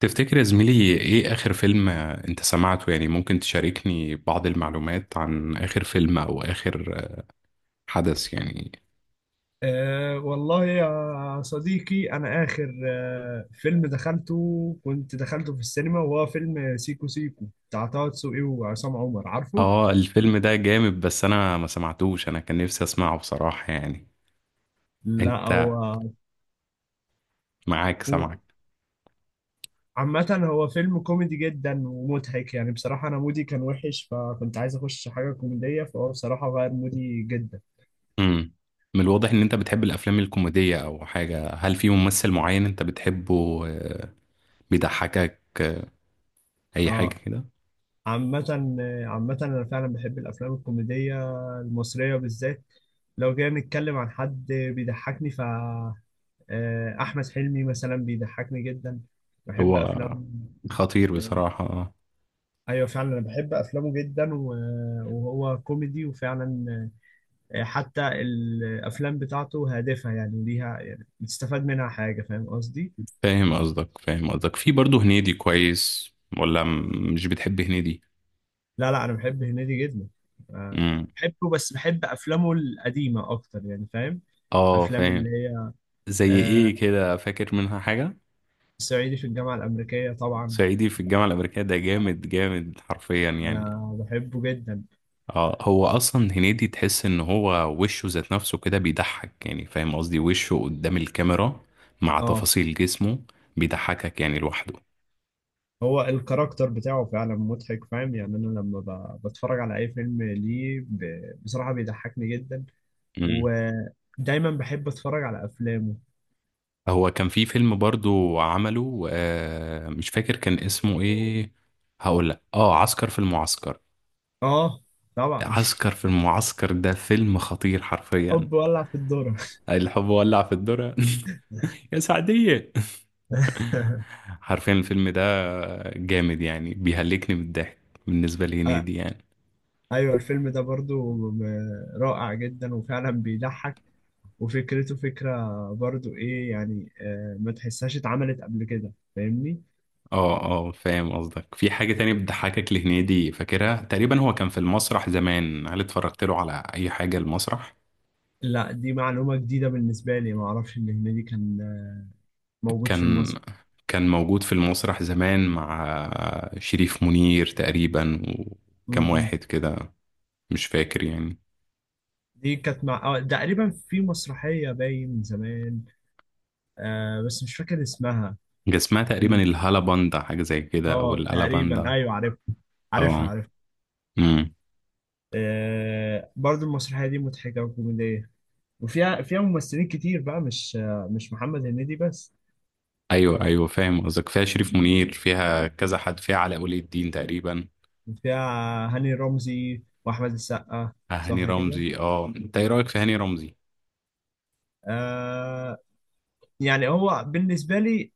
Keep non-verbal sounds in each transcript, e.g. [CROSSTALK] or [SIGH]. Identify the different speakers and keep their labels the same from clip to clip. Speaker 1: تفتكر يا زميلي ايه اخر فيلم انت سمعته يعني، ممكن تشاركني بعض المعلومات عن اخر فيلم او اخر حدث يعني؟
Speaker 2: والله يا صديقي، أنا آخر فيلم دخلته كنت دخلته في السينما، وهو فيلم سيكو سيكو بتاع طه دسوقي وعصام عمر، عارفه؟
Speaker 1: اه، الفيلم ده جامد بس انا ما سمعتوش، انا كان نفسي اسمعه بصراحة يعني.
Speaker 2: لا.
Speaker 1: انت
Speaker 2: هو
Speaker 1: معاك سمعك.
Speaker 2: عامة هو فيلم كوميدي جدا ومضحك، يعني بصراحة أنا مودي كان وحش، فكنت عايز أخش حاجة كوميدية، فهو بصراحة غير مودي جدا.
Speaker 1: امم من الواضح ان انت بتحب الافلام الكوميدية او حاجة. هل في ممثل معين انت بتحبه، بيضحكك، اي حاجة
Speaker 2: اه.
Speaker 1: كده؟
Speaker 2: عامة عامة أنا فعلا بحب الأفلام الكوميدية المصرية بالذات. لو جينا نتكلم عن حد بيضحكني، ف آه، أحمد حلمي مثلا بيضحكني جدا، بحب
Speaker 1: هو
Speaker 2: أفلامه.
Speaker 1: خطير
Speaker 2: آه،
Speaker 1: بصراحة.
Speaker 2: أيوة فعلا أنا بحب أفلامه جدا وهو كوميدي، وفعلا حتى الأفلام بتاعته هادفة، يعني ليها يعني بتستفاد منها حاجة، فاهم قصدي؟
Speaker 1: فاهم قصدك، فاهم قصدك. في برضه هنيدي كويس ولا مش بتحب هنيدي؟
Speaker 2: لا أنا بحب هنيدي جدا. آه،
Speaker 1: امم
Speaker 2: بحبه، بس بحب أفلامه القديمة أكتر، يعني فاهم؟
Speaker 1: اه،
Speaker 2: أفلام
Speaker 1: فاهم.
Speaker 2: اللي هي
Speaker 1: زي ايه
Speaker 2: آه،
Speaker 1: كده؟ فاكر منها حاجة؟
Speaker 2: صعيدي في الجامعة الأمريكية طبعا،
Speaker 1: صعيدي في الجامعة الأمريكية ده جامد جامد حرفيا يعني.
Speaker 2: أنا بحبه جدا.
Speaker 1: اه، هو اصلا هنيدي تحس ان هو وشه ذات نفسه كده بيضحك يعني، فاهم قصدي؟ وشه قدام الكاميرا مع
Speaker 2: اه،
Speaker 1: تفاصيل جسمه بيضحكك يعني لوحده.
Speaker 2: هو الكاركتر بتاعه فعلا مضحك، فاهم يعني، أنا لما بتفرج على أي فيلم ليه بصراحة بيضحكني جدا، ودايما بحب أتفرج على أفلامه.
Speaker 1: هو كان في فيلم برضو عمله، مش فاكر كان اسمه ايه. هقول لك، عسكر في المعسكر.
Speaker 2: اه، طبعا.
Speaker 1: عسكر في المعسكر ده فيلم خطير
Speaker 2: [LAUGHS]
Speaker 1: حرفيا.
Speaker 2: حب ولع في الدورة.
Speaker 1: الحب ولع في الدرة. [LAUGHS] يا سعدية.
Speaker 2: [LAUGHS]
Speaker 1: [LAUGHS] حرفيا الفيلم ده جامد يعني، بيهلكني بالضحك بالنسبة
Speaker 2: آه،
Speaker 1: لهنيدي يعني.
Speaker 2: ايوه الفيلم ده برضو رائع جدا، وفعلا بيضحك، وفكرته فكرة برضو ايه، يعني ما تحسهاش اتعملت قبل كده، فاهمني؟
Speaker 1: اه، اه، فاهم قصدك. في حاجة تانية بتضحكك لهنيدي فاكرها تقريبا؟ هو كان في المسرح زمان، هل اتفرجت له على اي حاجة المسرح؟
Speaker 2: لا، دي معلومة جديدة بالنسبة لي، ما اعرفش ان هنيدي كان موجود في
Speaker 1: كان
Speaker 2: المسرح.
Speaker 1: كان موجود في المسرح زمان مع شريف منير تقريبا،
Speaker 2: م-
Speaker 1: وكم واحد
Speaker 2: م.
Speaker 1: كده، مش فاكر يعني.
Speaker 2: دي كانت مع تقريبا في مسرحية باين من زمان، آه، بس مش فاكر اسمها.
Speaker 1: كان اسمها تقريبا الهالاباندا، حاجة زي كده، أو
Speaker 2: اه تقريبا،
Speaker 1: الألاباندا.
Speaker 2: ايوه عارف، عارفها
Speaker 1: اه.
Speaker 2: عارفها
Speaker 1: امم
Speaker 2: آه، برضو المسرحية دي مضحكة وكوميدية، وفيها ممثلين كتير بقى، مش مش محمد هنيدي بس،
Speaker 1: أيوه، أيوه، فاهم قصدك. فيها شريف منير، فيها كذا حد، فيها علاء ولي الدين تقريبا.
Speaker 2: فيها هاني رمزي واحمد السقا.
Speaker 1: هاني
Speaker 2: صح كده.
Speaker 1: رمزي، انت ايه رأيك في هاني رمزي؟
Speaker 2: آه، يعني هو بالنسبة لي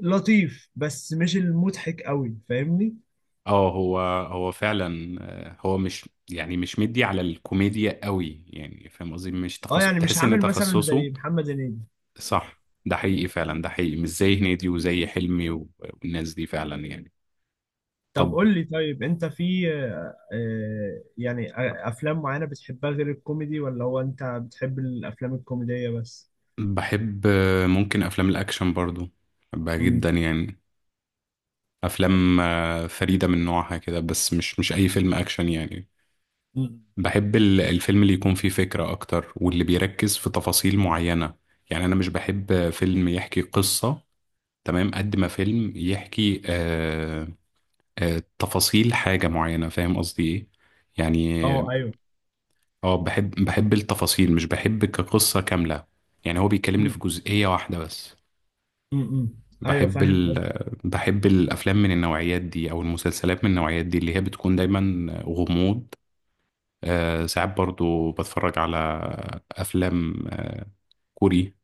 Speaker 2: لطيف، بس مش المضحك قوي، فاهمني؟
Speaker 1: اه، هو فعلا، هو مش يعني مش مدي على الكوميديا قوي يعني، فاهم قصدي؟ مش
Speaker 2: اه،
Speaker 1: تخصص،
Speaker 2: يعني مش
Speaker 1: تحس ان
Speaker 2: عامل مثلا
Speaker 1: تخصصه.
Speaker 2: زي محمد هنيدي.
Speaker 1: صح، ده حقيقي فعلا، ده حقيقي، مش زي هنيدي وزي حلمي والناس دي فعلا يعني.
Speaker 2: طب
Speaker 1: طب،
Speaker 2: قول لي، طيب انت في افلام معينة بتحبها غير الكوميدي، ولا هو انت بتحب الافلام الكوميدية بس؟
Speaker 1: بحب، ممكن أفلام الأكشن برضو بحبها
Speaker 2: مم.
Speaker 1: جدا يعني. أفلام، فريدة من نوعها كده، بس مش أي فيلم أكشن يعني.
Speaker 2: مم.
Speaker 1: بحب الفيلم اللي يكون فيه فكرة أكتر، واللي بيركز في تفاصيل معينة. يعني أنا مش بحب فيلم يحكي قصة تمام قد ما فيلم يحكي تفاصيل حاجة معينة، فاهم قصدي إيه؟
Speaker 2: اه
Speaker 1: يعني،
Speaker 2: ايوه.
Speaker 1: اه، بحب التفاصيل، مش بحب كقصة كاملة يعني. هو بيكلمني في
Speaker 2: مم.
Speaker 1: جزئية واحدة بس.
Speaker 2: مم. مم. ايوه
Speaker 1: بحب
Speaker 2: فاهم
Speaker 1: ال...
Speaker 2: قصدك.
Speaker 1: بحب الأفلام من النوعيات دي أو المسلسلات من النوعيات دي اللي هي بتكون دايما غموض. ساعات برضو بتفرج على أفلام كوري،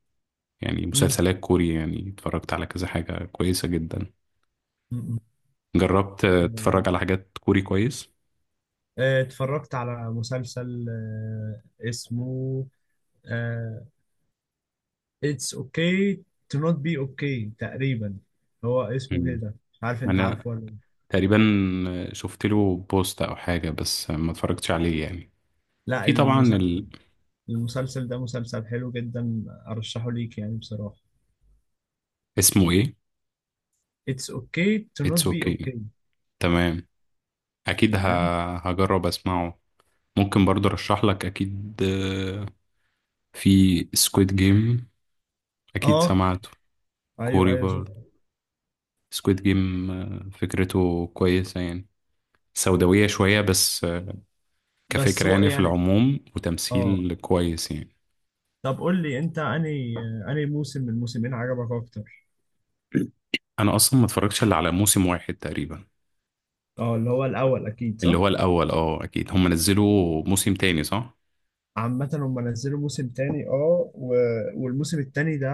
Speaker 1: يعني
Speaker 2: مم.
Speaker 1: مسلسلات كوري يعني، اتفرجت على كذا حاجة كويسة جدا.
Speaker 2: مم. مم.
Speaker 1: جربت تتفرج على حاجات كوري كويس؟
Speaker 2: آه، اتفرجت على مسلسل اسمه آه، It's okay to not be okay تقريبا، هو اسمه
Speaker 1: مم.
Speaker 2: كده، مش عارف انت
Speaker 1: أنا
Speaker 2: عارفه ولا لا.
Speaker 1: تقريبا شفت له بوست أو حاجة بس ما اتفرجتش عليه يعني.
Speaker 2: لا،
Speaker 1: في طبعا.
Speaker 2: المسلسل، المسلسل ده مسلسل حلو جدا، ارشحه ليك يعني بصراحة.
Speaker 1: اسمه ايه؟
Speaker 2: It's okay to
Speaker 1: اتس
Speaker 2: not be
Speaker 1: اوكي،
Speaker 2: okay.
Speaker 1: تمام. اكيد
Speaker 2: تمام.
Speaker 1: هجرب اسمعه. ممكن برضه ارشح لك اكيد، في سكويد جيم، اكيد
Speaker 2: اه
Speaker 1: سمعته.
Speaker 2: ايوه،
Speaker 1: كوري
Speaker 2: ايوه شوف.
Speaker 1: برضه، سكويد جيم فكرته كويسة يعني، سوداوية شوية بس،
Speaker 2: بس
Speaker 1: كفكرة
Speaker 2: هو
Speaker 1: يعني في
Speaker 2: يعني
Speaker 1: العموم،
Speaker 2: اه،
Speaker 1: وتمثيل كويس يعني.
Speaker 2: طب قول لي انت انهي موسم من الموسمين عجبك اكتر؟
Speaker 1: انا اصلا ما اتفرجتش الا على موسم واحد تقريبا.
Speaker 2: اه، اللي هو الاول اكيد،
Speaker 1: اللي
Speaker 2: صح؟
Speaker 1: هو الاول، اكيد هم نزلوا موسم تاني، صح؟
Speaker 2: عامة هم نزلوا موسم تاني، والموسم التاني ده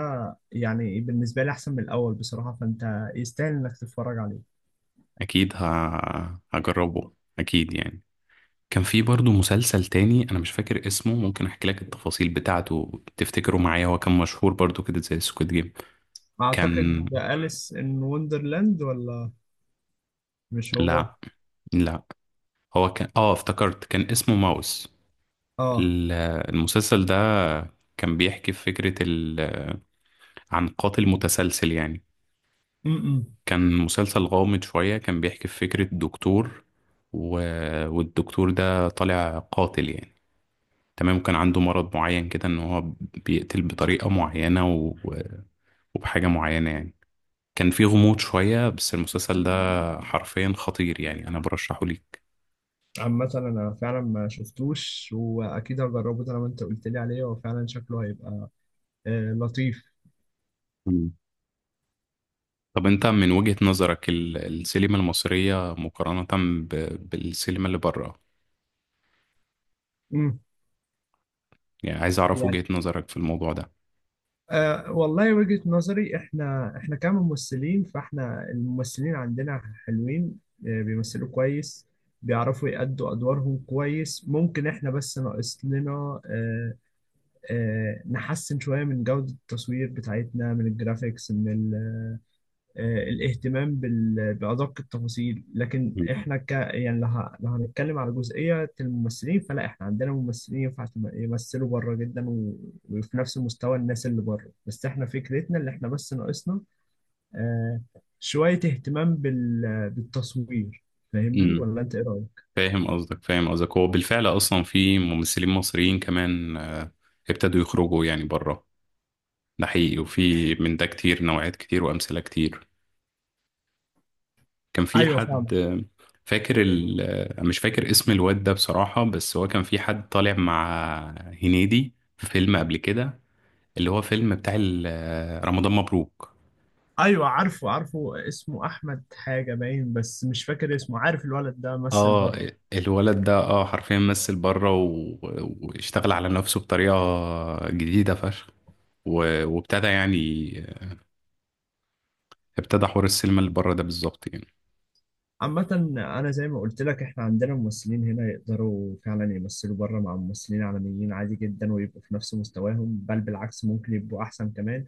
Speaker 2: يعني بالنسبة لي أحسن من الأول بصراحة، فأنت يستاهل إنك تتفرج عليه.
Speaker 1: اكيد هجربه اكيد يعني. كان في برضه مسلسل تاني انا مش فاكر اسمه، ممكن احكي لك التفاصيل بتاعته، تفتكره معايا؟ هو كان مشهور برضه كده زي سكويد جيم. كان
Speaker 2: أعتقد ده أليس إن وندرلاند، ولا مش هو؟
Speaker 1: لا، لا، هو كان، افتكرت، كان اسمه ماوس.
Speaker 2: اه.
Speaker 1: ال- المسلسل ده كان بيحكي في عن قاتل متسلسل يعني.
Speaker 2: م-م.
Speaker 1: كان مسلسل غامض شوية، كان بيحكي في فكرة دكتور، و... والدكتور ده طالع قاتل يعني، تمام. كان عنده مرض معين كده ان هو بيقتل بطريقة معينة وبحاجة معينة يعني. كان في غموض شوية بس المسلسل ده حرفيا خطير يعني، أنا برشحه ليك.
Speaker 2: عامة أنا فعلا ما شفتوش، وأكيد هجربه طالما أنت قلت لي عليه، هو فعلا شكله هيبقى آه لطيف.
Speaker 1: مم. طب، أنت من وجهة نظرك السينما المصرية مقارنة بالسينما اللي بره، يعني عايز أعرف
Speaker 2: م.
Speaker 1: وجهة نظرك في الموضوع ده.
Speaker 2: والله وجهة نظري، احنا كممثلين، فاحنا الممثلين عندنا حلوين، بيمثلوا كويس، بيعرفوا يأدوا أدوارهم كويس، ممكن احنا بس ناقص لنا أه أه نحسن شوية من جودة التصوير بتاعتنا، من الجرافيكس، من الاهتمام بأدق التفاصيل. لكن
Speaker 1: مم.
Speaker 2: احنا ك يعني لو لو هنتكلم على جزئية الممثلين، فلا، احنا عندنا ممثلين ينفع يمثلوا بره جدا، وفي نفس مستوى الناس اللي بره، بس احنا فكرتنا اللي احنا بس ناقصنا آه، شوية اهتمام بالتصوير، فاهمني
Speaker 1: امم
Speaker 2: ولا انت ايه رأيك؟
Speaker 1: فاهم قصدك، فاهم قصدك. هو بالفعل اصلا في ممثلين مصريين كمان، ابتدوا يخرجوا يعني بره، ده حقيقي، وفي من ده كتير، نوعيات كتير، وامثله كتير. كان في
Speaker 2: ايوه
Speaker 1: حد
Speaker 2: فاهم.
Speaker 1: مش فاكر اسم الواد ده بصراحة، بس هو كان في حد طالع مع هنيدي في فيلم قبل كده، اللي هو فيلم بتاع رمضان مبروك.
Speaker 2: ايوه عارفه، اسمه احمد حاجة باين، بس مش فاكر اسمه، عارف الولد ده مثل
Speaker 1: اه،
Speaker 2: بره.
Speaker 1: الولد ده حرفيا مثل بره واشتغل على نفسه بطريقة جديدة فشخ، و... وابتدى يعني، ابتدى حوار السينما اللي بره ده بالظبط يعني.
Speaker 2: عامة أنا زي ما قلت لك، إحنا عندنا ممثلين هنا يقدروا فعلا يمثلوا بره مع ممثلين عالميين عادي جدا، ويبقوا في نفس مستواهم، بل بالعكس ممكن يبقوا أحسن كمان.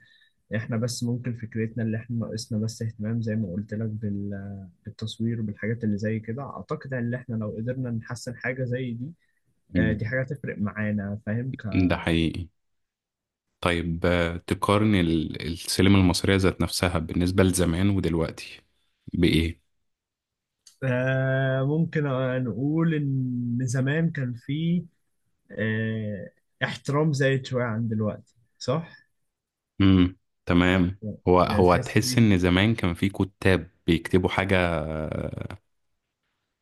Speaker 2: إحنا بس ممكن فكرتنا اللي إحنا ناقصنا بس اهتمام، زي ما قلت لك بالتصوير وبالحاجات اللي زي كده، أعتقد إن إحنا لو قدرنا نحسن حاجة زي دي،
Speaker 1: مم.
Speaker 2: دي حاجة تفرق معانا، فاهم ك...
Speaker 1: ده حقيقي. طيب، تقارن السينما المصرية ذات نفسها بالنسبة لزمان ودلوقتي بإيه؟
Speaker 2: ممكن نقول إن زمان كان في آه، احترام زايد شوية عن دلوقتي، صح؟
Speaker 1: امم تمام. هو
Speaker 2: يعني
Speaker 1: هو
Speaker 2: تحس
Speaker 1: تحس
Speaker 2: بيه.
Speaker 1: ان زمان كان في كتاب بيكتبوا حاجه،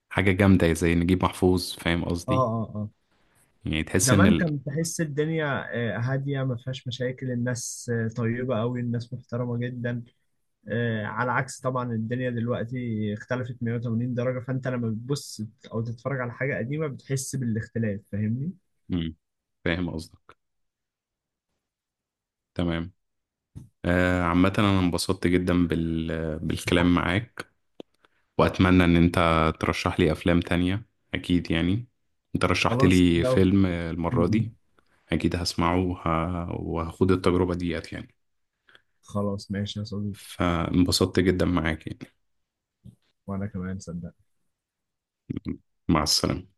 Speaker 1: حاجه جامده زي نجيب محفوظ، فاهم قصدي؟
Speaker 2: اه،
Speaker 1: يعني تحس ان
Speaker 2: زمان كان تحس الدنيا هادية، ما فيهاش مشاكل، الناس طيبة قوي، الناس محترمة جدا، على عكس طبعا الدنيا دلوقتي، اختلفت 180 درجة، فانت لما بتبص او تتفرج على حاجة قديمة بتحس بالاختلاف، فاهمني؟
Speaker 1: امم فاهم قصدي، تمام. عامه انا انبسطت جدا بالكلام معاك، واتمنى ان انت ترشح لي افلام تانية اكيد يعني، انت رشحت
Speaker 2: خلاص
Speaker 1: لي
Speaker 2: لو
Speaker 1: فيلم
Speaker 2: م-
Speaker 1: المره
Speaker 2: م.
Speaker 1: دي، اكيد هسمعه وهاخد التجربه ديت يعني،
Speaker 2: خلاص ماشي يا صديقي.
Speaker 1: فانبسطت جدا معاك يعني.
Speaker 2: وانا كمان صدق.
Speaker 1: مع السلامه.